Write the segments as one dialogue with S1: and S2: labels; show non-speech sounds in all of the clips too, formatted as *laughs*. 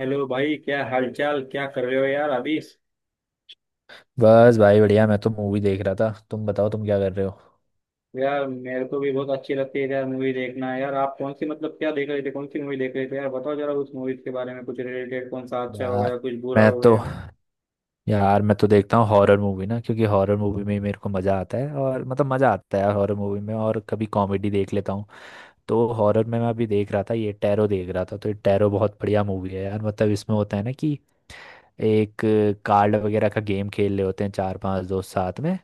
S1: Hello भाई, क्या हालचाल, क्या कर रहे हो यार अभी।
S2: बस भाई बढ़िया। मैं तो मूवी देख रहा था। तुम बताओ तुम क्या कर रहे हो।
S1: यार मेरे को भी बहुत अच्छी लगती है यार मूवी देखना। यार आप कौन सी मतलब क्या देख रहे थे, कौन सी मूवी देख रहे थे यार, बताओ जरा उस मूवी के बारे में कुछ रिलेटेड, कौन सा अच्छा हो गया
S2: यार
S1: कुछ बुरा
S2: मैं
S1: हो
S2: तो
S1: गया।
S2: मैं तो देखता हूँ हॉरर मूवी ना, क्योंकि हॉरर मूवी में ही मेरे को मज़ा आता है, और मतलब मज़ा आता है हॉरर मूवी में, और कभी कॉमेडी देख लेता हूँ। तो हॉरर में मैं अभी देख रहा था, ये टैरो देख रहा था। तो ये टैरो बहुत बढ़िया मूवी है यार। मतलब इसमें होता है ना कि एक कार्ड वगैरह का गेम खेल रहे होते हैं, चार पांच दोस्त साथ में।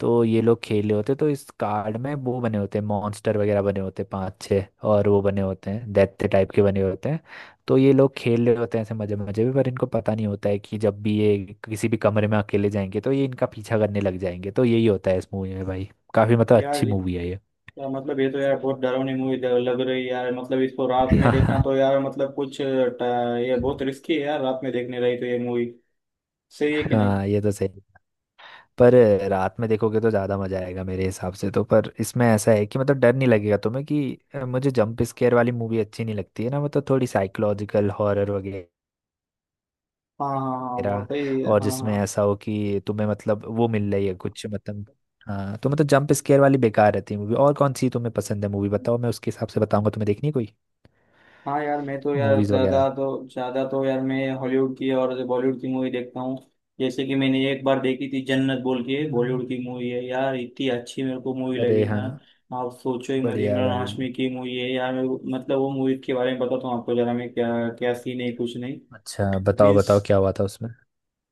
S2: तो ये लोग खेल रहे होते हैं, तो इस कार्ड में वो बने होते हैं, मॉन्स्टर वगैरह बने होते हैं, पांच छः। और वो बने होते हैं दैत्य टाइप के बने होते हैं। तो ये लोग खेल रहे होते हैं ऐसे मजे मजे में, पर इनको पता नहीं होता है कि जब भी ये किसी भी कमरे में अकेले जाएंगे तो ये इनका पीछा करने लग जाएंगे। तो यही होता है इस मूवी में भाई। काफी मतलब अच्छी
S1: यार
S2: मूवी
S1: यार
S2: है ये।
S1: मतलब ये तो यार बहुत डरावनी मूवी लग रही है यार, मतलब इसको रात में देखना तो
S2: *laughs*
S1: यार मतलब कुछ ये बहुत रिस्की है यार, रात में देखने रही तो ये मूवी, सही है कि नहीं।
S2: हाँ, ये तो सही। पर रात में देखोगे तो ज़्यादा मज़ा आएगा मेरे हिसाब से। तो पर इसमें ऐसा है कि मतलब डर नहीं लगेगा तुम्हें कि मुझे जंप स्केयर वाली मूवी अच्छी नहीं लगती है ना, मतलब थोड़ी साइकोलॉजिकल हॉरर वगैरह।
S1: हाँ हाँ हाँ, वो सही है,
S2: और
S1: हाँ
S2: जिसमें
S1: हाँ।
S2: ऐसा हो कि तुम्हें मतलब वो मिल रही है कुछ मतलब। हाँ, तो मतलब जंप स्केयर वाली बेकार रहती है मूवी। और कौन सी तुम्हें पसंद है मूवी बताओ, मैं उसके हिसाब से बताऊंगा तुम्हें देखनी है कोई
S1: हाँ यार मैं तो यार
S2: मूवीज़ वगैरह।
S1: ज्यादा तो यार मैं हॉलीवुड की और बॉलीवुड की मूवी देखता हूँ। जैसे कि मैंने एक बार देखी थी, जन्नत बोल के, बॉलीवुड की मूवी है यार, इतनी अच्छी मेरे को मूवी लगी
S2: अरे
S1: ना।
S2: हाँ।
S1: आप सोचो ही मत,
S2: बढ़िया
S1: इमरान
S2: भाई।
S1: हाशमी की मूवी है यार। मेरे को मतलब वो मूवी के बारे में बताता हूँ आपको जरा मैं, क्या क्या सीन है कुछ नहीं।
S2: अच्छा बताओ
S1: मीन्स
S2: बताओ, क्या हुआ था उसमें।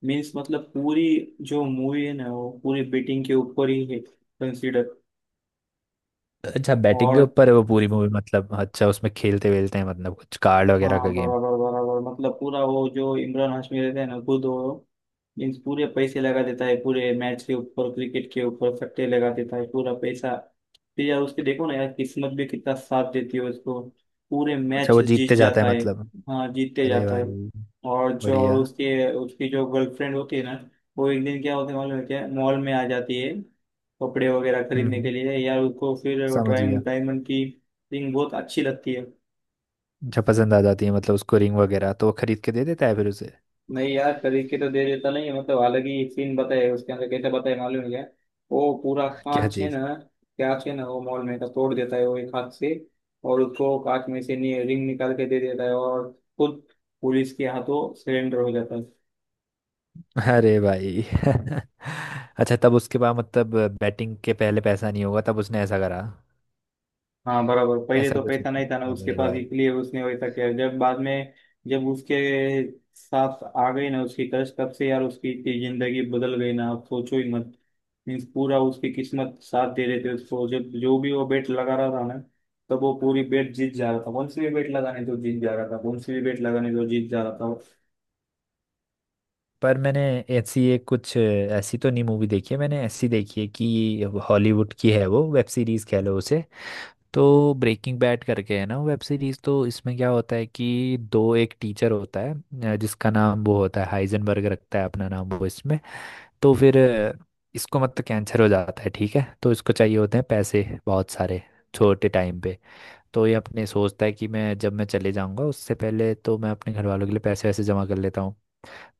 S1: मीन्स मतलब पूरी जो मूवी है ना, वो पूरी बेटिंग के ऊपर ही है, कंसिडर।
S2: अच्छा बैटिंग के
S1: और
S2: ऊपर है वो पूरी मूवी, मतलब अच्छा उसमें खेलते वेलते हैं मतलब, कुछ कार्ड वगैरह का
S1: हाँ
S2: गेम।
S1: बराबर बराबर, मतलब पूरा वो जो इमरान हाशमी रहता है ना खुद वो, मीन्स पूरे पैसे लगा देता है पूरे मैच के ऊपर, क्रिकेट के ऊपर सट्टे लगा देता है पूरा पैसा। फिर यार उसके देखो ना यार किस्मत भी कितना साथ देती है उसको, पूरे
S2: अच्छा
S1: मैच
S2: वो
S1: जीत
S2: जीतते जाता
S1: जाता
S2: है
S1: है।
S2: मतलब।
S1: हाँ जीतते
S2: अरे
S1: जाता है।
S2: भाई।
S1: और
S2: बढ़िया।
S1: उसके उसकी जो गर्लफ्रेंड होती है ना, वो एक दिन क्या होता है मालूम है क्या, मॉल में आ जाती है कपड़े वगैरह
S2: हम्म
S1: खरीदने के
S2: हम्म,
S1: लिए। यार उसको फिर
S2: समझ गया।
S1: डायमंड डायमंड की रिंग बहुत अच्छी लगती है।
S2: अच्छा पसंद आ जाती है मतलब उसको रिंग वगैरह, तो वो खरीद के दे देता है फिर उसे।
S1: नहीं यार खरीद के तो दे देता नहीं है, मतलब अलग ही सीन बताया उसके अंदर, कैसे बताया मालूम है क्या। वो पूरा
S2: क्या
S1: कांच है
S2: चीज।
S1: ना, वो मॉल में का तोड़ देता है वो एक हाथ से, और उसको कांच में से रिंग निकाल के दे देता है, और खुद पुलिस के हाथों सिलेंडर हो जाता है।
S2: अरे भाई *laughs* अच्छा तब उसके बाद मतलब बैटिंग के पहले पैसा नहीं होगा तब उसने ऐसा करा।
S1: हाँ बराबर, पहले
S2: ऐसा
S1: तो
S2: कुछ
S1: पैसा
S2: होता
S1: नहीं था ना
S2: है।
S1: उसके
S2: अरे
S1: पास,
S2: भाई।
S1: इसलिए उसने वैसा किया। जब बाद में, जब उसके साथ आ गई ना उसकी कष्ट, तब से यार उसकी इतनी जिंदगी बदल गई ना, आप सोचो ही मत। मीन्स पूरा उसकी किस्मत साथ दे रहे थे उसको, जब जो भी वो बेट लगा रहा था ना, तब वो पूरी बेट जीत जा रहा था। कौन सी भी बेट लगाने तो जीत जा रहा था, कौन सी भी बेट लगाने तो जीत जा रहा था।
S2: पर मैंने ऐसी एक कुछ ऐसी तो नहीं मूवी देखी है, मैंने ऐसी देखी है कि हॉलीवुड की है वो, वेब सीरीज कह लो उसे। तो ब्रेकिंग बैड करके है ना वेब सीरीज। तो इसमें क्या होता है कि दो एक टीचर होता है, जिसका नाम वो होता है हाइजनबर्ग, रखता है अपना नाम वो इसमें। तो फिर इसको मतलब कैंसर हो जाता है ठीक है, तो इसको चाहिए होते हैं पैसे बहुत सारे, छोटे टाइम पे। तो ये अपने सोचता है कि मैं जब मैं चले जाऊंगा उससे पहले तो मैं अपने घर वालों के लिए पैसे वैसे जमा कर लेता हूँ।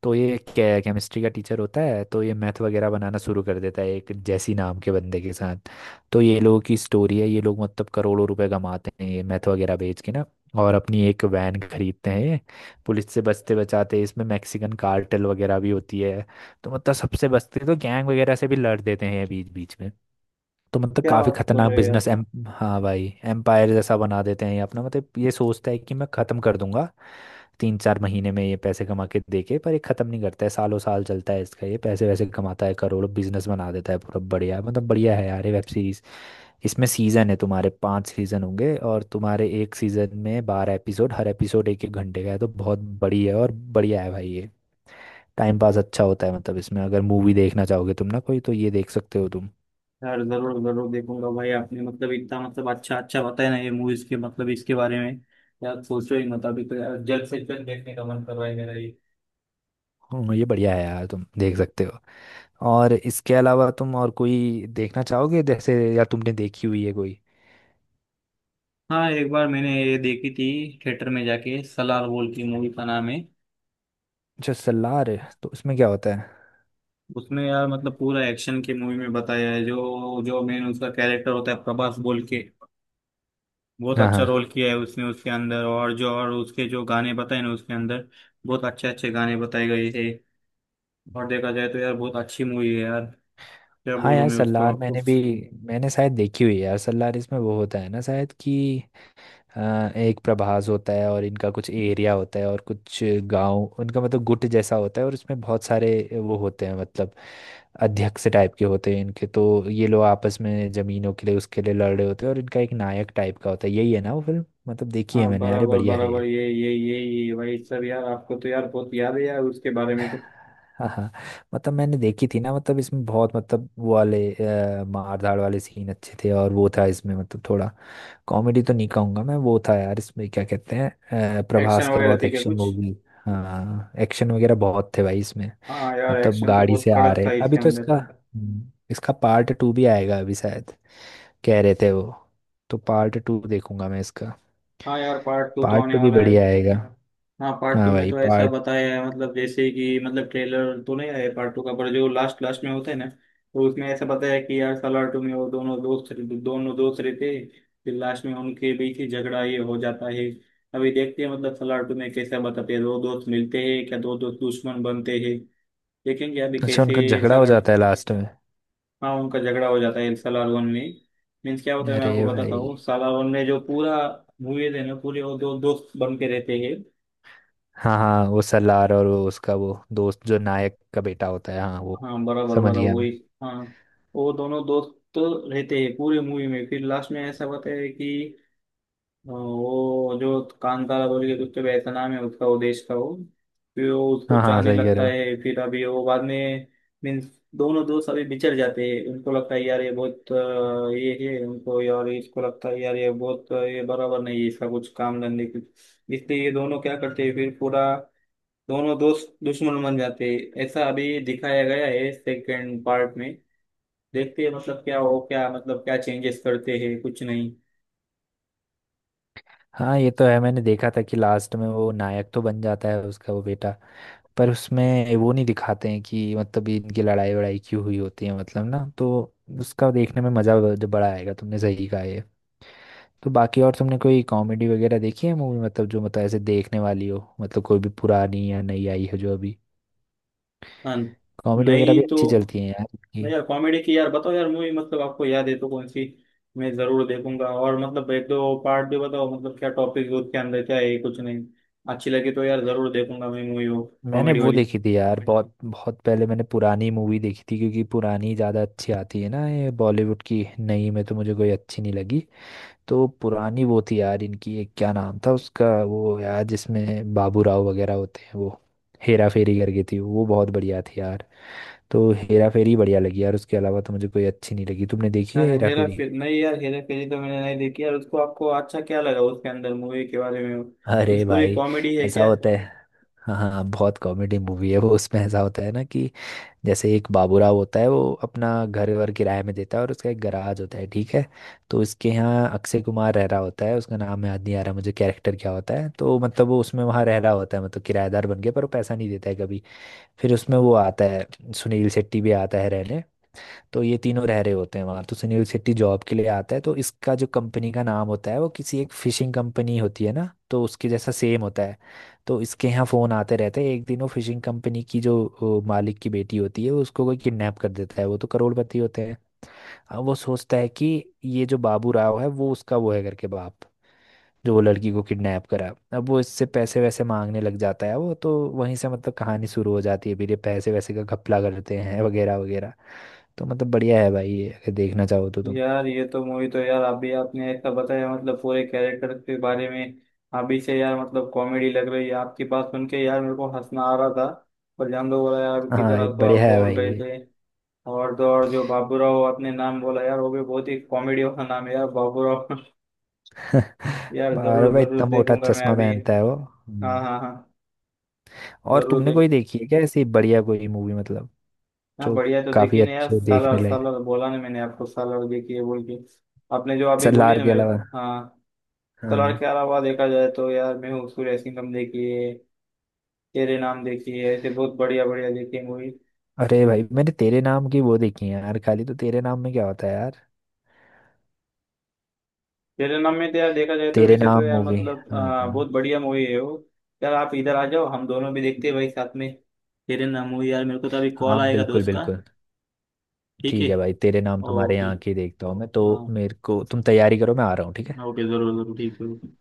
S2: तो ये केमिस्ट्री का टीचर होता है, तो ये मैथ वगैरह बनाना शुरू कर देता है एक जैसी नाम के बंदे के साथ। तो ये लोगों की स्टोरी है, ये लोग मतलब करोड़ों रुपए कमाते हैं ये मैथ वगैरह बेच के ना। और अपनी एक वैन खरीदते हैं ये, पुलिस से बचते बचाते। इसमें मैक्सिकन कार्टेल वगैरह भी होती है। तो मतलब सबसे बचते तो गैंग वगैरह से भी लड़ देते हैं ये बीच बीच में। तो मतलब
S1: क्या
S2: काफी
S1: बात कर
S2: खतरनाक
S1: रहे हैं।
S2: Business M. हाँ भाई, एम्पायर जैसा बना देते हैं ये अपना। मतलब ये सोचता है कि मैं खत्म कर दूंगा तीन चार महीने में ये पैसे कमा के देके, पर ये खत्म नहीं करता है, सालों साल चलता है इसका, ये पैसे वैसे कमाता है करोड़ों, बिजनेस बना देता है पूरा। बढ़िया मतलब बढ़िया है यार ये वेब सीरीज। इसमें सीजन है तुम्हारे पांच सीजन होंगे और तुम्हारे एक सीजन में बारह एपिसोड, हर एपिसोड एक एक घंटे का है, तो बहुत बड़ी है और बढ़िया है भाई ये। टाइम पास अच्छा होता है, मतलब इसमें अगर मूवी देखना चाहोगे तुम ना कोई तो ये देख सकते हो तुम।
S1: यार जरूर जरूर देखूंगा भाई, आपने मतलब इतना मतलब अच्छा अच्छा बताया ना ये मूवीज के मतलब इसके बारे में। यार सोचो ही मत, अभी तो यार जल्द से जल्द देखने का मन कर रहा है मेरा ये।
S2: हाँ, ये बढ़िया है यार तुम देख सकते हो। और इसके अलावा तुम और कोई देखना चाहोगे, जैसे या तुमने देखी हुई है कोई।
S1: हाँ एक बार मैंने ये देखी थी थिएटर में जाके, सलार बोल की मूवी का नाम है।
S2: अच्छा सलार। तो उसमें क्या होता है।
S1: उसमें यार मतलब पूरा एक्शन की मूवी में बताया है। जो जो मेन उसका कैरेक्टर होता है प्रभास बोल के, बहुत
S2: हाँ
S1: अच्छा
S2: हाँ
S1: रोल किया है उसने उसके अंदर। और उसके जो गाने बताए ना उसके अंदर, बहुत अच्छे अच्छे गाने बताए गए थे। और देखा जाए तो यार बहुत अच्छी मूवी है यार, क्या
S2: हाँ,
S1: बोलूँ
S2: यार
S1: मैं उसको
S2: सलार
S1: आपको।
S2: मैंने भी, मैंने शायद देखी हुई है यार सलार। इसमें वो होता है ना शायद कि एक प्रभास होता है, और इनका कुछ एरिया होता है, और कुछ गांव उनका मतलब गुट जैसा होता है। और इसमें बहुत सारे वो होते हैं मतलब अध्यक्ष टाइप के होते हैं इनके, तो ये लोग आपस में जमीनों के लिए उसके लिए लड़ रहे होते हैं, और इनका एक नायक टाइप का होता है। यही है ना वो फिल्म मतलब, देखी
S1: हाँ
S2: है मैंने, अरे
S1: बराबर
S2: बढ़िया है।
S1: बराबर, ये भाई सर, यार आपको तो यार बहुत याद है यार उसके बारे में तो।
S2: हाँ हाँ। मतलब मैंने देखी थी ना, मतलब इसमें बहुत मतलब वो वाले मार धाड़ वाले सीन अच्छे थे। और वो था इसमें मतलब थोड़ा कॉमेडी तो नहीं कहूंगा मैं, वो था यार इसमें क्या कहते हैं
S1: एक्शन
S2: प्रभास का
S1: वगैरह
S2: बहुत
S1: थी क्या
S2: एक्शन
S1: कुछ।
S2: मूवी। हाँ एक्शन वगैरह बहुत थे भाई इसमें।
S1: हाँ यार
S2: मतलब
S1: एक्शन तो
S2: गाड़ी
S1: बहुत
S2: से आ
S1: कड़क
S2: रहे
S1: था
S2: अभी
S1: इसके
S2: तो
S1: अंदर।
S2: इसका इसका पार्ट टू भी आएगा अभी शायद, कह रहे थे वो। तो पार्ट टू देखूंगा मैं इसका।
S1: हाँ यार पार्ट टू तो
S2: पार्ट
S1: आने
S2: टू भी
S1: वाला है।
S2: बढ़िया आएगा।
S1: हाँ पार्ट टू
S2: हाँ
S1: में
S2: भाई
S1: तो ऐसा
S2: पार्ट।
S1: बताया है, मतलब जैसे कि मतलब ट्रेलर तो नहीं आया पार्ट टू का, पर जो लास्ट लास्ट में होता है ना, तो उसमें ऐसा बताया है कि यार सालार टू में वो दोनों दोस्त रहते हैं, फिर लास्ट में उनके बीच ही झगड़ा ये हो जाता है। अभी देखते हैं मतलब सालार टू में कैसा बताते हैं, दो दोस्त मिलते हैं क्या, दो दोस्त दुश्मन बनते हैं, देखेंगे अभी
S2: अच्छा उनका
S1: कैसे।
S2: झगड़ा हो
S1: सालार,
S2: जाता है लास्ट में।
S1: हाँ उनका झगड़ा हो जाता है सालार वन में। मीन्स क्या होता है मैं आपको
S2: अरे
S1: बताता हूँ,
S2: भाई।
S1: सालार वन में जो पूरा मूवीज है ना पूरे, वो दो दोस्त बन के रहते हैं।
S2: हाँ हाँ, वो सलार और वो उसका वो दोस्त, जो नायक का बेटा होता है, हाँ वो।
S1: हाँ बराबर
S2: समझ
S1: बराबर
S2: गया मैं।
S1: वही। हाँ, वो दोनों दोस्त रहते हैं पूरी मूवी में, फिर लास्ट में ऐसा बताया कि वो जो कांतारा बोल के कुछ तो ऐसा नाम है उसका, वो देश का वो, फिर वो उसको
S2: हाँ हाँ
S1: चाहने
S2: सही कह
S1: लगता
S2: रहे हो।
S1: है फिर अभी वो बाद में। मीन्स दोनों दोस्त अभी बिछड़ जाते हैं, उनको लगता है यार ये बहुत ये है उनको, यार इसको लगता है यार ये बहुत ये बराबर नहीं है इसका, कुछ काम धंधे कुछ। इसलिए ये दोनों क्या करते हैं फिर पूरा, दोनों दोस्त दुश्मन बन जाते हैं, ऐसा अभी दिखाया गया है सेकंड पार्ट में। देखते हैं मतलब क्या हो क्या, मतलब क्या चेंजेस करते हैं कुछ नहीं।
S2: हाँ ये तो है, मैंने देखा था कि लास्ट में वो नायक तो बन जाता है उसका वो बेटा। पर उसमें वो नहीं दिखाते हैं कि मतलब ये इनकी लड़ाई वड़ाई क्यों हुई होती है मतलब ना, तो उसका देखने में मज़ा जो बड़ा आएगा, तुमने सही कहा ये। तो बाकी और तुमने कोई कॉमेडी वगैरह देखी है मूवी मतलब, जो मतलब ऐसे देखने वाली हो मतलब, कोई भी पुरानी या नई आई है जो अभी
S1: हाँ।
S2: कॉमेडी वगैरह
S1: नहीं
S2: भी
S1: तो।
S2: अच्छी चलती है यार।
S1: नहीं यार, कॉमेडी की यार बताओ यार मूवी, मतलब आपको याद है तो कौन सी, मैं जरूर देखूंगा, और मतलब एक दो पार्ट भी बताओ, मतलब क्या टॉपिक उसके अंदर क्या है कुछ नहीं। अच्छी लगी तो यार जरूर देखूंगा मैं मूवी वो,
S2: मैंने
S1: कॉमेडी
S2: वो
S1: वाली।
S2: देखी थी यार कोई बहुत बहुत पहले, मैंने पुरानी मूवी देखी थी, क्योंकि पुरानी ज़्यादा अच्छी आती है ना, ये बॉलीवुड की नई में तो मुझे कोई अच्छी नहीं लगी। तो पुरानी वो थी यार इनकी एक, क्या नाम था उसका वो यार जिसमें बाबू राव वगैरह होते हैं वो, हेरा फेरी करके थी वो, बहुत बढ़िया थी यार। तो हेरा फेरी बढ़िया लगी यार, उसके अलावा तो मुझे कोई अच्छी नहीं लगी। तुमने देखी है
S1: अरे
S2: हेरा
S1: हेरा
S2: फेरी।
S1: फेरी नहीं, यार हेरा फेरी तो मैंने नहीं देखी यार, उसको आपको अच्छा क्या लगा उसके अंदर, मूवी के बारे में इस
S2: अरे
S1: पूरी,
S2: भाई
S1: कॉमेडी है
S2: ऐसा
S1: क्या।
S2: बहुत होता है कॉमेडी। हाँ हाँ बहुत कॉमेडी मूवी है वो। उसमें ऐसा होता है ना कि जैसे एक बाबूराव होता है, वो अपना घर वर किराए में देता है, और उसका एक गराज होता है ठीक है। तो इसके यहाँ अक्षय कुमार रह रहा होता है, उसका नाम याद नहीं आ रहा मुझे कैरेक्टर क्या होता है। तो मतलब वो उसमें वहाँ रह रहा होता है, मतलब किराएदार बन गया, पर वो पैसा नहीं देता है कभी। फिर उसमें वो आता है सुनील शेट्टी भी आता है रहने। तो ये तीनों रह रहे होते हैं वहाँ। तो सुनील शेट्टी जॉब के लिए आता है, तो इसका जो कंपनी का नाम होता है वो किसी एक फिशिंग कंपनी होती है ना, तो उसके जैसा सेम होता है। तो इसके यहाँ फ़ोन आते रहते हैं, एक दिन वो फिशिंग कंपनी की जो वो मालिक की बेटी होती है वो उसको कोई किडनैप कर देता है, वो तो करोड़पति होते हैं। अब वो सोचता है कि ये जो बाबू राव है वो उसका वो है करके बाप, जो वो लड़की को किडनैप करा। अब वो इससे पैसे वैसे मांगने लग जाता है वो, तो वहीं से मतलब कहानी शुरू हो जाती है, फिर ये पैसे वैसे का घपला करते हैं वगैरह वगैरह। तो मतलब बढ़िया है भाई ये अगर देखना चाहो तो तुम।
S1: यार ये तो मूवी तो यार, अभी आपने ऐसा बताया मतलब पूरे कैरेक्टर के बारे में, अभी से यार मतलब कॉमेडी लग रही है आपकी बात सुन के, यार मेरे को हंसना आ रहा था, पर जान दो बोला यार,
S2: हाँ
S1: किधर
S2: ये हाँ
S1: हंसो आप
S2: बढ़िया है
S1: बोल
S2: भाई
S1: रहे
S2: ये
S1: थे। और तो और जो बाबूराव आपने नाम बोला यार, वो भी बहुत ही कॉमेडी वाला नाम है यार, बाबूराव। *laughs* यार
S2: *laughs* और
S1: जरूर
S2: भाई इतना
S1: जरूर
S2: मोटा
S1: देखूंगा मैं
S2: चश्मा
S1: अभी।
S2: पहनता है वो, देखूंगा
S1: हाँ हाँ हाँ,
S2: और
S1: जरूर
S2: तुमने कोई
S1: देख।
S2: देखी है क्या ऐसी बढ़िया कोई मूवी मतलब,
S1: हाँ
S2: जो
S1: बढ़िया तो
S2: काफी
S1: देखिए ना यार,
S2: अच्छी हो देखने
S1: सालार
S2: लायक,
S1: सालार बोला ना मैंने आपको, सालार देखिए बोल के, आपने जो अभी बोली
S2: सलार
S1: ना
S2: के
S1: मेरे को,
S2: अलावा।
S1: हाँ। सलार
S2: हाँ।
S1: के अलावा देखा जाए तो यार, मैं हूँ सूर्य सिंघम देखिए, तेरे नाम देखिए, ऐसे बहुत बढ़िया बढ़िया देखिए मूवी।
S2: अरे भाई मैंने तेरे नाम की वो देखी है यार खाली, तो तेरे नाम में क्या होता है यार।
S1: तेरे नाम में तो यार देखा जाए तो,
S2: तेरे
S1: वैसे तो
S2: नाम
S1: यार
S2: मूवी।
S1: मतलब
S2: हाँ
S1: बहुत बढ़िया मूवी है वो। यार आप इधर आ जाओ हम दोनों भी देखते हैं भाई साथ में, तेरे नाम मूवी। यार मेरे को तो अभी कॉल
S2: हाँ
S1: आएगा
S2: बिल्कुल
S1: दोस्त का।
S2: बिल्कुल।
S1: ठीक है।
S2: ठीक है भाई, तेरे नाम तुम्हारे
S1: ओके।
S2: यहाँ की देखता हूँ मैं तो।
S1: हाँ,
S2: मेरे को तुम तैयारी करो मैं आ रहा हूँ ठीक है।
S1: ओके जरूर जरूर, ठीक है।